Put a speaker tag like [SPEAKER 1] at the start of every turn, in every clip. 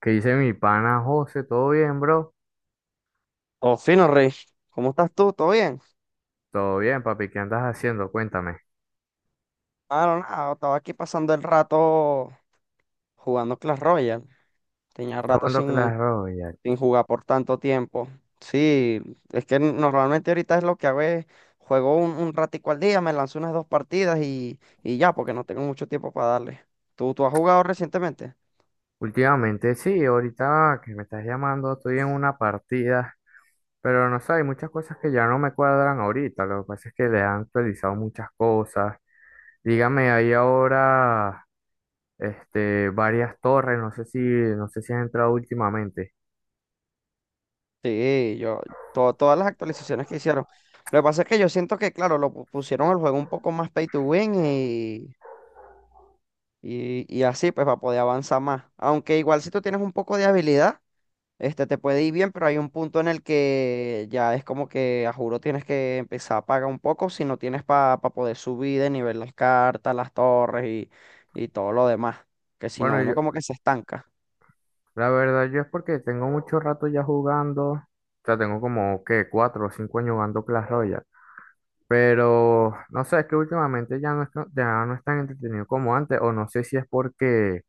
[SPEAKER 1] ¿Qué dice mi pana José? ¿Todo bien, bro?
[SPEAKER 2] Oh, fino, Rey. ¿Cómo estás tú? ¿Todo bien?
[SPEAKER 1] Todo bien, papi. ¿Qué andas haciendo? Cuéntame.
[SPEAKER 2] Ah, no, nada. Estaba aquí pasando el rato jugando Clash Royale. Tenía
[SPEAKER 1] ¿Estás
[SPEAKER 2] rato
[SPEAKER 1] jugando
[SPEAKER 2] sin,
[SPEAKER 1] Clash Royale?
[SPEAKER 2] sin jugar por tanto tiempo. Sí, es que normalmente ahorita es lo que hago es juego un ratico al día, me lanzo unas dos partidas y ya, porque no tengo mucho tiempo para darle. ¿Tú has jugado recientemente?
[SPEAKER 1] Últimamente sí, ahorita que me estás llamando estoy en una partida, pero no sé, hay muchas cosas que ya no me cuadran ahorita. Lo que pasa es que le han actualizado muchas cosas. Dígame, hay ahora varias torres, no sé si, no sé si has entrado últimamente.
[SPEAKER 2] Sí, yo, todas las actualizaciones que hicieron. Lo que pasa es que yo siento que, claro, pusieron el juego un poco más pay to win. Y así pues va a poder avanzar más. Aunque igual si tú tienes un poco de habilidad, este te puede ir bien, pero hay un punto en el que ya es como que a juro tienes que empezar a pagar un poco si no tienes para poder subir de nivel las cartas, las torres y todo lo demás. Que si no,
[SPEAKER 1] Bueno,
[SPEAKER 2] uno
[SPEAKER 1] yo,
[SPEAKER 2] como que se estanca.
[SPEAKER 1] la verdad yo es porque tengo mucho rato ya jugando. O sea, tengo como, ¿qué? 4 o 5 años jugando Clash Royale. Pero no sé, es que últimamente ya no es tan entretenido como antes, o no sé si es porque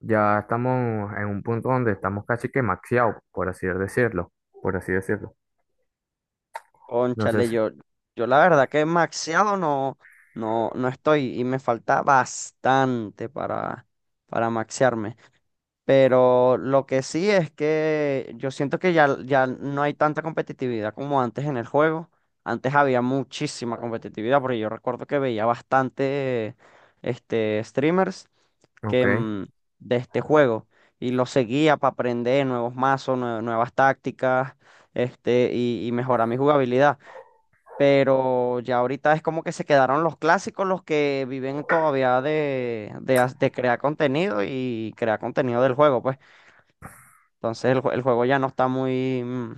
[SPEAKER 1] ya estamos en un punto donde estamos casi que maxeados, por así decirlo, por así decirlo.
[SPEAKER 2] Cónchale,
[SPEAKER 1] Entonces,
[SPEAKER 2] yo la verdad que maxeado no, no, no estoy y me falta bastante para maxearme. Pero lo que sí es que yo siento que ya, ya no hay tanta competitividad como antes en el juego. Antes había muchísima competitividad, porque yo recuerdo que veía bastante este, streamers que,
[SPEAKER 1] ok,
[SPEAKER 2] de este juego y los seguía para aprender nuevos mazos, nuevas tácticas este, y mejorar mi jugabilidad. Pero ya ahorita es como que se quedaron los clásicos, los que viven todavía de, de crear contenido y crear contenido del juego, pues. Entonces el, el juego ya no está muy,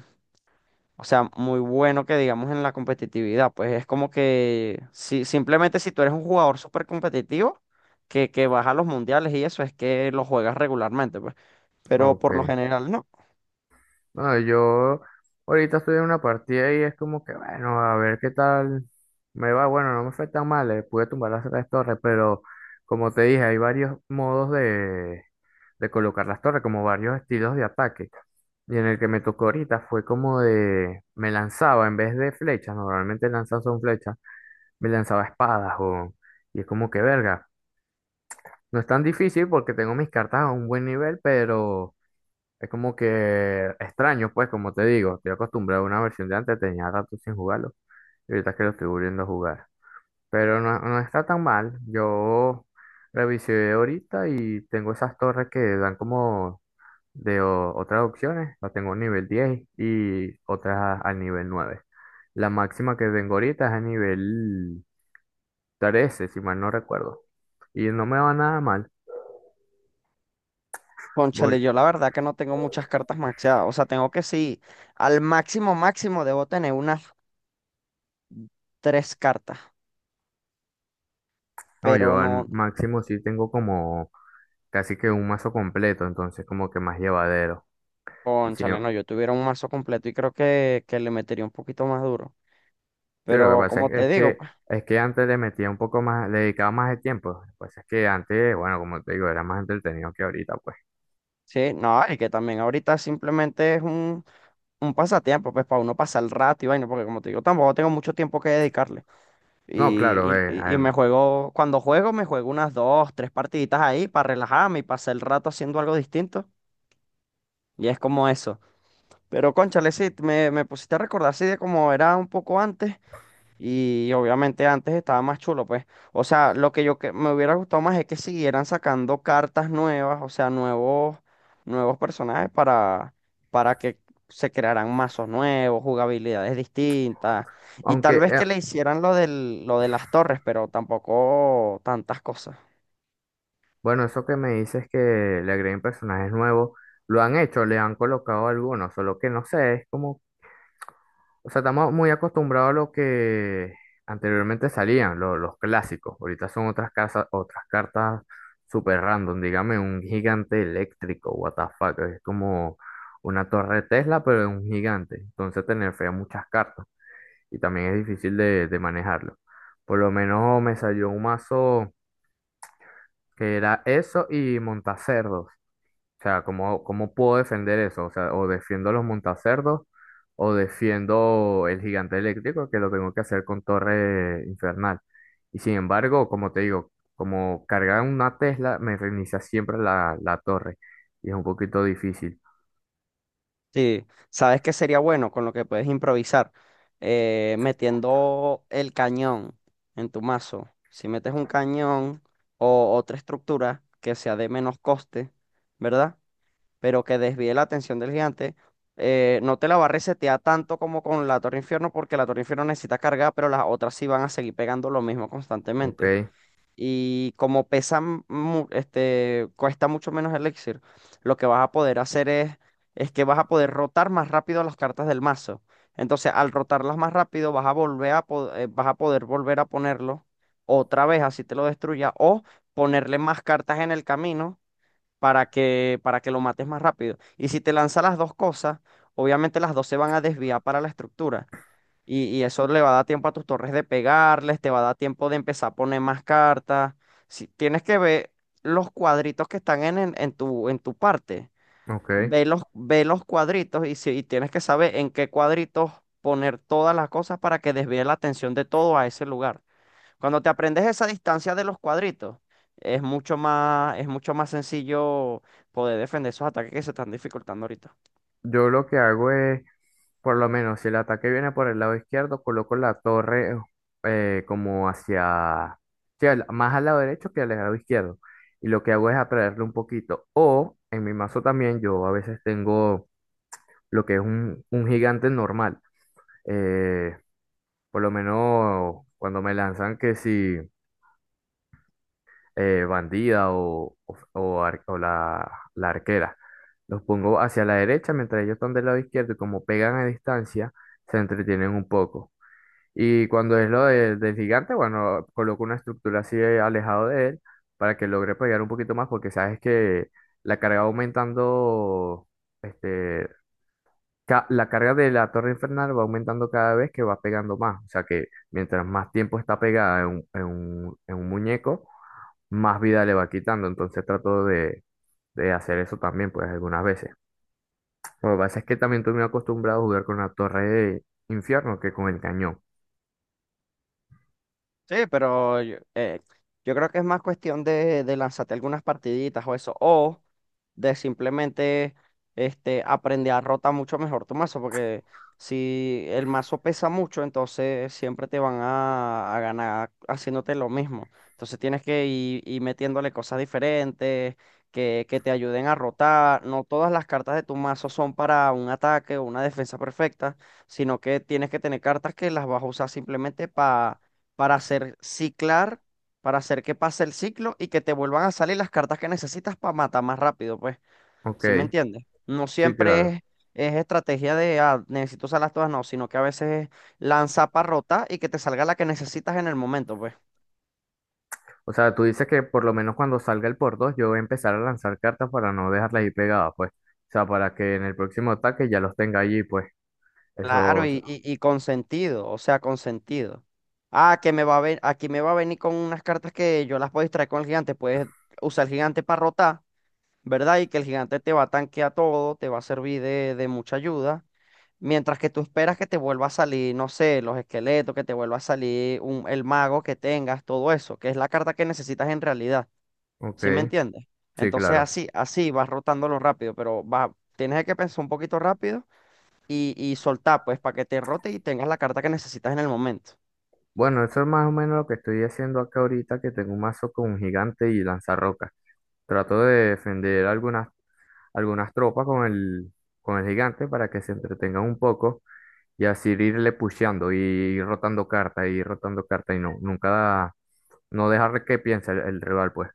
[SPEAKER 2] o sea, muy bueno que digamos en la competitividad. Pues es como que si, simplemente si tú eres un jugador súper competitivo, que vas a los mundiales y eso es que lo juegas regularmente, pues. Pero
[SPEAKER 1] ok.
[SPEAKER 2] por lo general no.
[SPEAKER 1] Bueno, yo ahorita estoy en una partida y es como que, bueno, a ver qué tal me va. Bueno, no me fue tan mal, le pude tumbar las tres torres, pero como te dije, hay varios modos de colocar las torres, como varios estilos de ataque. Y en el que me tocó ahorita fue como de, me lanzaba en vez de flechas, normalmente lanzas son flechas, me lanzaba espadas o, y es como que verga. No es tan difícil porque tengo mis cartas a un buen nivel, pero es como que extraño, pues como te digo, estoy acostumbrado a una versión de antes, tenía rato sin jugarlo y ahorita es que lo estoy volviendo a jugar. Pero no, no está tan mal, yo revisé ahorita y tengo esas torres que dan como de otras opciones, la tengo a nivel 10 y otras al nivel 9. La máxima que tengo ahorita es a nivel 13 si mal no recuerdo. Y no me va nada mal.
[SPEAKER 2] Cónchale,
[SPEAKER 1] Por-
[SPEAKER 2] yo la verdad que no tengo muchas cartas maxeadas. O sea, tengo que sí, al máximo máximo debo tener unas tres cartas.
[SPEAKER 1] No,
[SPEAKER 2] Pero
[SPEAKER 1] yo al
[SPEAKER 2] no,
[SPEAKER 1] máximo sí tengo como casi que un mazo completo, entonces como que más llevadero. Y sí, sí,
[SPEAKER 2] cónchale, no, yo tuviera un mazo completo y creo que le metería un poquito más duro.
[SPEAKER 1] lo que
[SPEAKER 2] Pero
[SPEAKER 1] pasa es,
[SPEAKER 2] como te
[SPEAKER 1] es
[SPEAKER 2] digo,
[SPEAKER 1] que
[SPEAKER 2] pues.
[SPEAKER 1] antes le metía un poco más, le dedicaba más de tiempo. Lo que pasa es que antes, bueno, como te digo, era más entretenido que ahorita, pues.
[SPEAKER 2] Sí, no, y que también ahorita simplemente es un pasatiempo, pues para uno pasar el rato y vaina, porque como te digo, tampoco tengo mucho tiempo que dedicarle.
[SPEAKER 1] No, claro,
[SPEAKER 2] Y me
[SPEAKER 1] además.
[SPEAKER 2] juego, cuando juego, me juego unas dos, tres partiditas ahí para relajarme y pasar el rato haciendo algo distinto. Y es como eso. Pero cónchale, sí, me pusiste a recordar así de cómo era un poco antes. Y obviamente antes estaba más chulo, pues. O sea, lo que yo que me hubiera gustado más es que siguieran sacando cartas nuevas, o sea, nuevos, nuevos personajes para que se crearan mazos nuevos, jugabilidades distintas. Y tal
[SPEAKER 1] Aunque,
[SPEAKER 2] vez que le hicieran lo del, lo de las torres, pero tampoco tantas cosas.
[SPEAKER 1] bueno, eso que me dices que le agreguen personajes nuevos, lo han hecho, le han colocado algunos, solo que no sé, es como, o sea, estamos muy acostumbrados a lo que anteriormente salían, los clásicos. Ahorita son otras casas, otras cartas super random, dígame un gigante eléctrico, what the fuck, es como una torre Tesla, pero de un gigante. Entonces te nerfea muchas cartas y también es difícil de manejarlo. Por lo menos me salió un mazo que era eso y montacerdos. O sea, ¿cómo, cómo puedo defender eso? O sea, o defiendo los montacerdos o defiendo el gigante eléctrico que lo tengo que hacer con torre infernal. Y sin embargo, como te digo, como cargar una Tesla me reinicia siempre la torre y es un poquito difícil.
[SPEAKER 2] Sí, ¿sabes qué sería bueno con lo que puedes improvisar? Metiendo el cañón en tu mazo. Si metes un cañón o otra estructura que sea de menos coste, ¿verdad? Pero que desvíe la atención del gigante, no te la va a resetear tanto como con la Torre Infierno, porque la Torre Infierno necesita cargar, pero las otras sí van a seguir pegando lo mismo constantemente.
[SPEAKER 1] Ok,
[SPEAKER 2] Y como pesa, este, cuesta mucho menos el elixir, lo que vas a poder hacer es que vas a poder rotar más rápido las cartas del mazo. Entonces, al rotarlas más rápido, vas a volver a, vas a poder volver a ponerlo otra vez, así te lo destruya, o ponerle más cartas en el camino para que lo mates más rápido. Y si te lanza las dos cosas, obviamente las dos se van a desviar para la estructura. Y eso le va a dar tiempo a tus torres de pegarles, te va a dar tiempo de empezar a poner más cartas. Si, tienes que ver los cuadritos que están en tu parte.
[SPEAKER 1] ok.
[SPEAKER 2] Ve los cuadritos y, si, y tienes que saber en qué cuadritos poner todas las cosas para que desvíe la atención de todo a ese lugar. Cuando te aprendes esa distancia de los cuadritos, es mucho más sencillo poder defender esos ataques que se están dificultando ahorita.
[SPEAKER 1] Yo lo que hago es: por lo menos, si el ataque viene por el lado izquierdo, coloco la torre como hacia, sí, más al lado derecho que al lado izquierdo. Y lo que hago es atraerle un poquito. O en mi mazo también, yo a veces tengo lo que es un gigante normal. Eh, por lo menos cuando me lanzan que si bandida o, o la arquera. Los pongo hacia la derecha mientras ellos están del lado izquierdo y como pegan a distancia, se entretienen un poco. Y cuando es del gigante, bueno, coloco una estructura así alejado de él para que logre pegar un poquito más, porque sabes que la carga va aumentando, este, la carga de la torre infernal va aumentando cada vez que va pegando más. O sea que mientras más tiempo está pegada en un, en un muñeco, más vida le va quitando. Entonces trato de hacer eso también, pues algunas veces. Lo que pasa es que también estoy muy acostumbrado a jugar con la torre de infierno que con el cañón.
[SPEAKER 2] Sí, pero yo, yo creo que es más cuestión de lanzarte algunas partiditas o eso, o de simplemente este, aprender a rotar mucho mejor tu mazo, porque si el mazo pesa mucho, entonces siempre te van a ganar haciéndote lo mismo. Entonces tienes que ir, ir metiéndole cosas diferentes que te ayuden a rotar. No todas las cartas de tu mazo son para un ataque o una defensa perfecta, sino que tienes que tener cartas que las vas a usar simplemente para hacer ciclar, para hacer que pase el ciclo y que te vuelvan a salir las cartas que necesitas para matar más rápido, pues.
[SPEAKER 1] Ok,
[SPEAKER 2] ¿Sí me entiendes? No
[SPEAKER 1] sí,
[SPEAKER 2] siempre
[SPEAKER 1] claro.
[SPEAKER 2] es estrategia de, necesito usarlas todas, no, sino que a veces es lanza para rotar y que te salga la que necesitas en el momento, pues.
[SPEAKER 1] O sea, tú dices que por lo menos cuando salga el por dos, yo voy a empezar a lanzar cartas para no dejarlas ahí pegadas, pues. O sea, para que en el próximo ataque ya los tenga allí, pues.
[SPEAKER 2] Claro,
[SPEAKER 1] Eso,
[SPEAKER 2] y con sentido, o sea, con sentido. Ah, que me va a ver, aquí me va a venir con unas cartas que yo las puedo distraer con el gigante, puedes usar el gigante para rotar. ¿Verdad? Y que el gigante te va a tanquear todo, te va a servir de mucha ayuda. Mientras que tú esperas que te vuelva a salir, no sé, los esqueletos, que te vuelva a salir un, el mago que tengas, todo eso, que es la carta que necesitas en realidad. ¿Sí me
[SPEAKER 1] ok,
[SPEAKER 2] entiendes?
[SPEAKER 1] sí,
[SPEAKER 2] Entonces
[SPEAKER 1] claro.
[SPEAKER 2] así, así vas rotándolo rápido, pero va, tienes que pensar un poquito rápido y soltar, pues, para que te rote y tengas la carta que necesitas en el momento.
[SPEAKER 1] Bueno, eso es más o menos lo que estoy haciendo acá ahorita, que tengo un mazo con un gigante y lanzarrocas. Trato de defender algunas, algunas tropas con el gigante para que se entretengan un poco y así irle pusheando y ir rotando cartas y ir rotando cartas y no, nunca, no dejar que piense el rival, pues.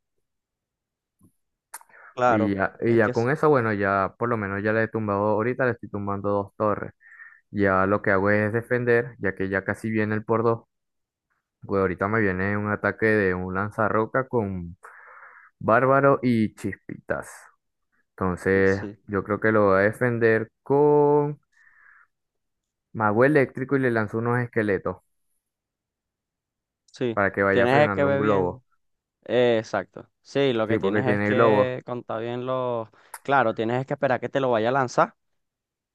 [SPEAKER 2] Claro,
[SPEAKER 1] Y
[SPEAKER 2] Es que
[SPEAKER 1] ya con
[SPEAKER 2] es-
[SPEAKER 1] eso, bueno, ya por lo menos ya le he tumbado, ahorita le estoy tumbando 2 torres. Ya lo que hago es defender, ya que ya casi viene el por dos. Pues ahorita me viene un ataque de un lanzarroca con Bárbaro y Chispitas. Entonces,
[SPEAKER 2] sí,
[SPEAKER 1] yo creo que lo voy a defender con Mago Eléctrico y le lanzo unos esqueletos
[SPEAKER 2] sí,
[SPEAKER 1] para que vaya
[SPEAKER 2] tienes que
[SPEAKER 1] frenando un
[SPEAKER 2] ver bien.
[SPEAKER 1] globo.
[SPEAKER 2] Exacto. Sí, lo que
[SPEAKER 1] Sí, porque
[SPEAKER 2] tienes es
[SPEAKER 1] tiene globo.
[SPEAKER 2] que contar bien los... Claro, tienes que esperar que te lo vaya a lanzar,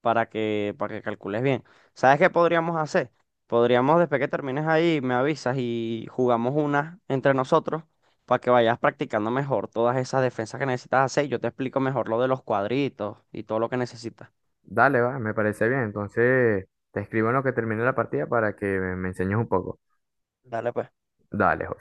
[SPEAKER 2] para que calcules bien. ¿Sabes qué podríamos hacer? Podríamos, después que termines ahí, me avisas y jugamos una entre nosotros para que vayas practicando mejor todas esas defensas que necesitas hacer. Y yo te explico mejor lo de los cuadritos y todo lo que necesitas.
[SPEAKER 1] Dale, va, me parece bien. Entonces, te escribo en lo que termine la partida para que me enseñes un poco.
[SPEAKER 2] Dale, pues.
[SPEAKER 1] Dale.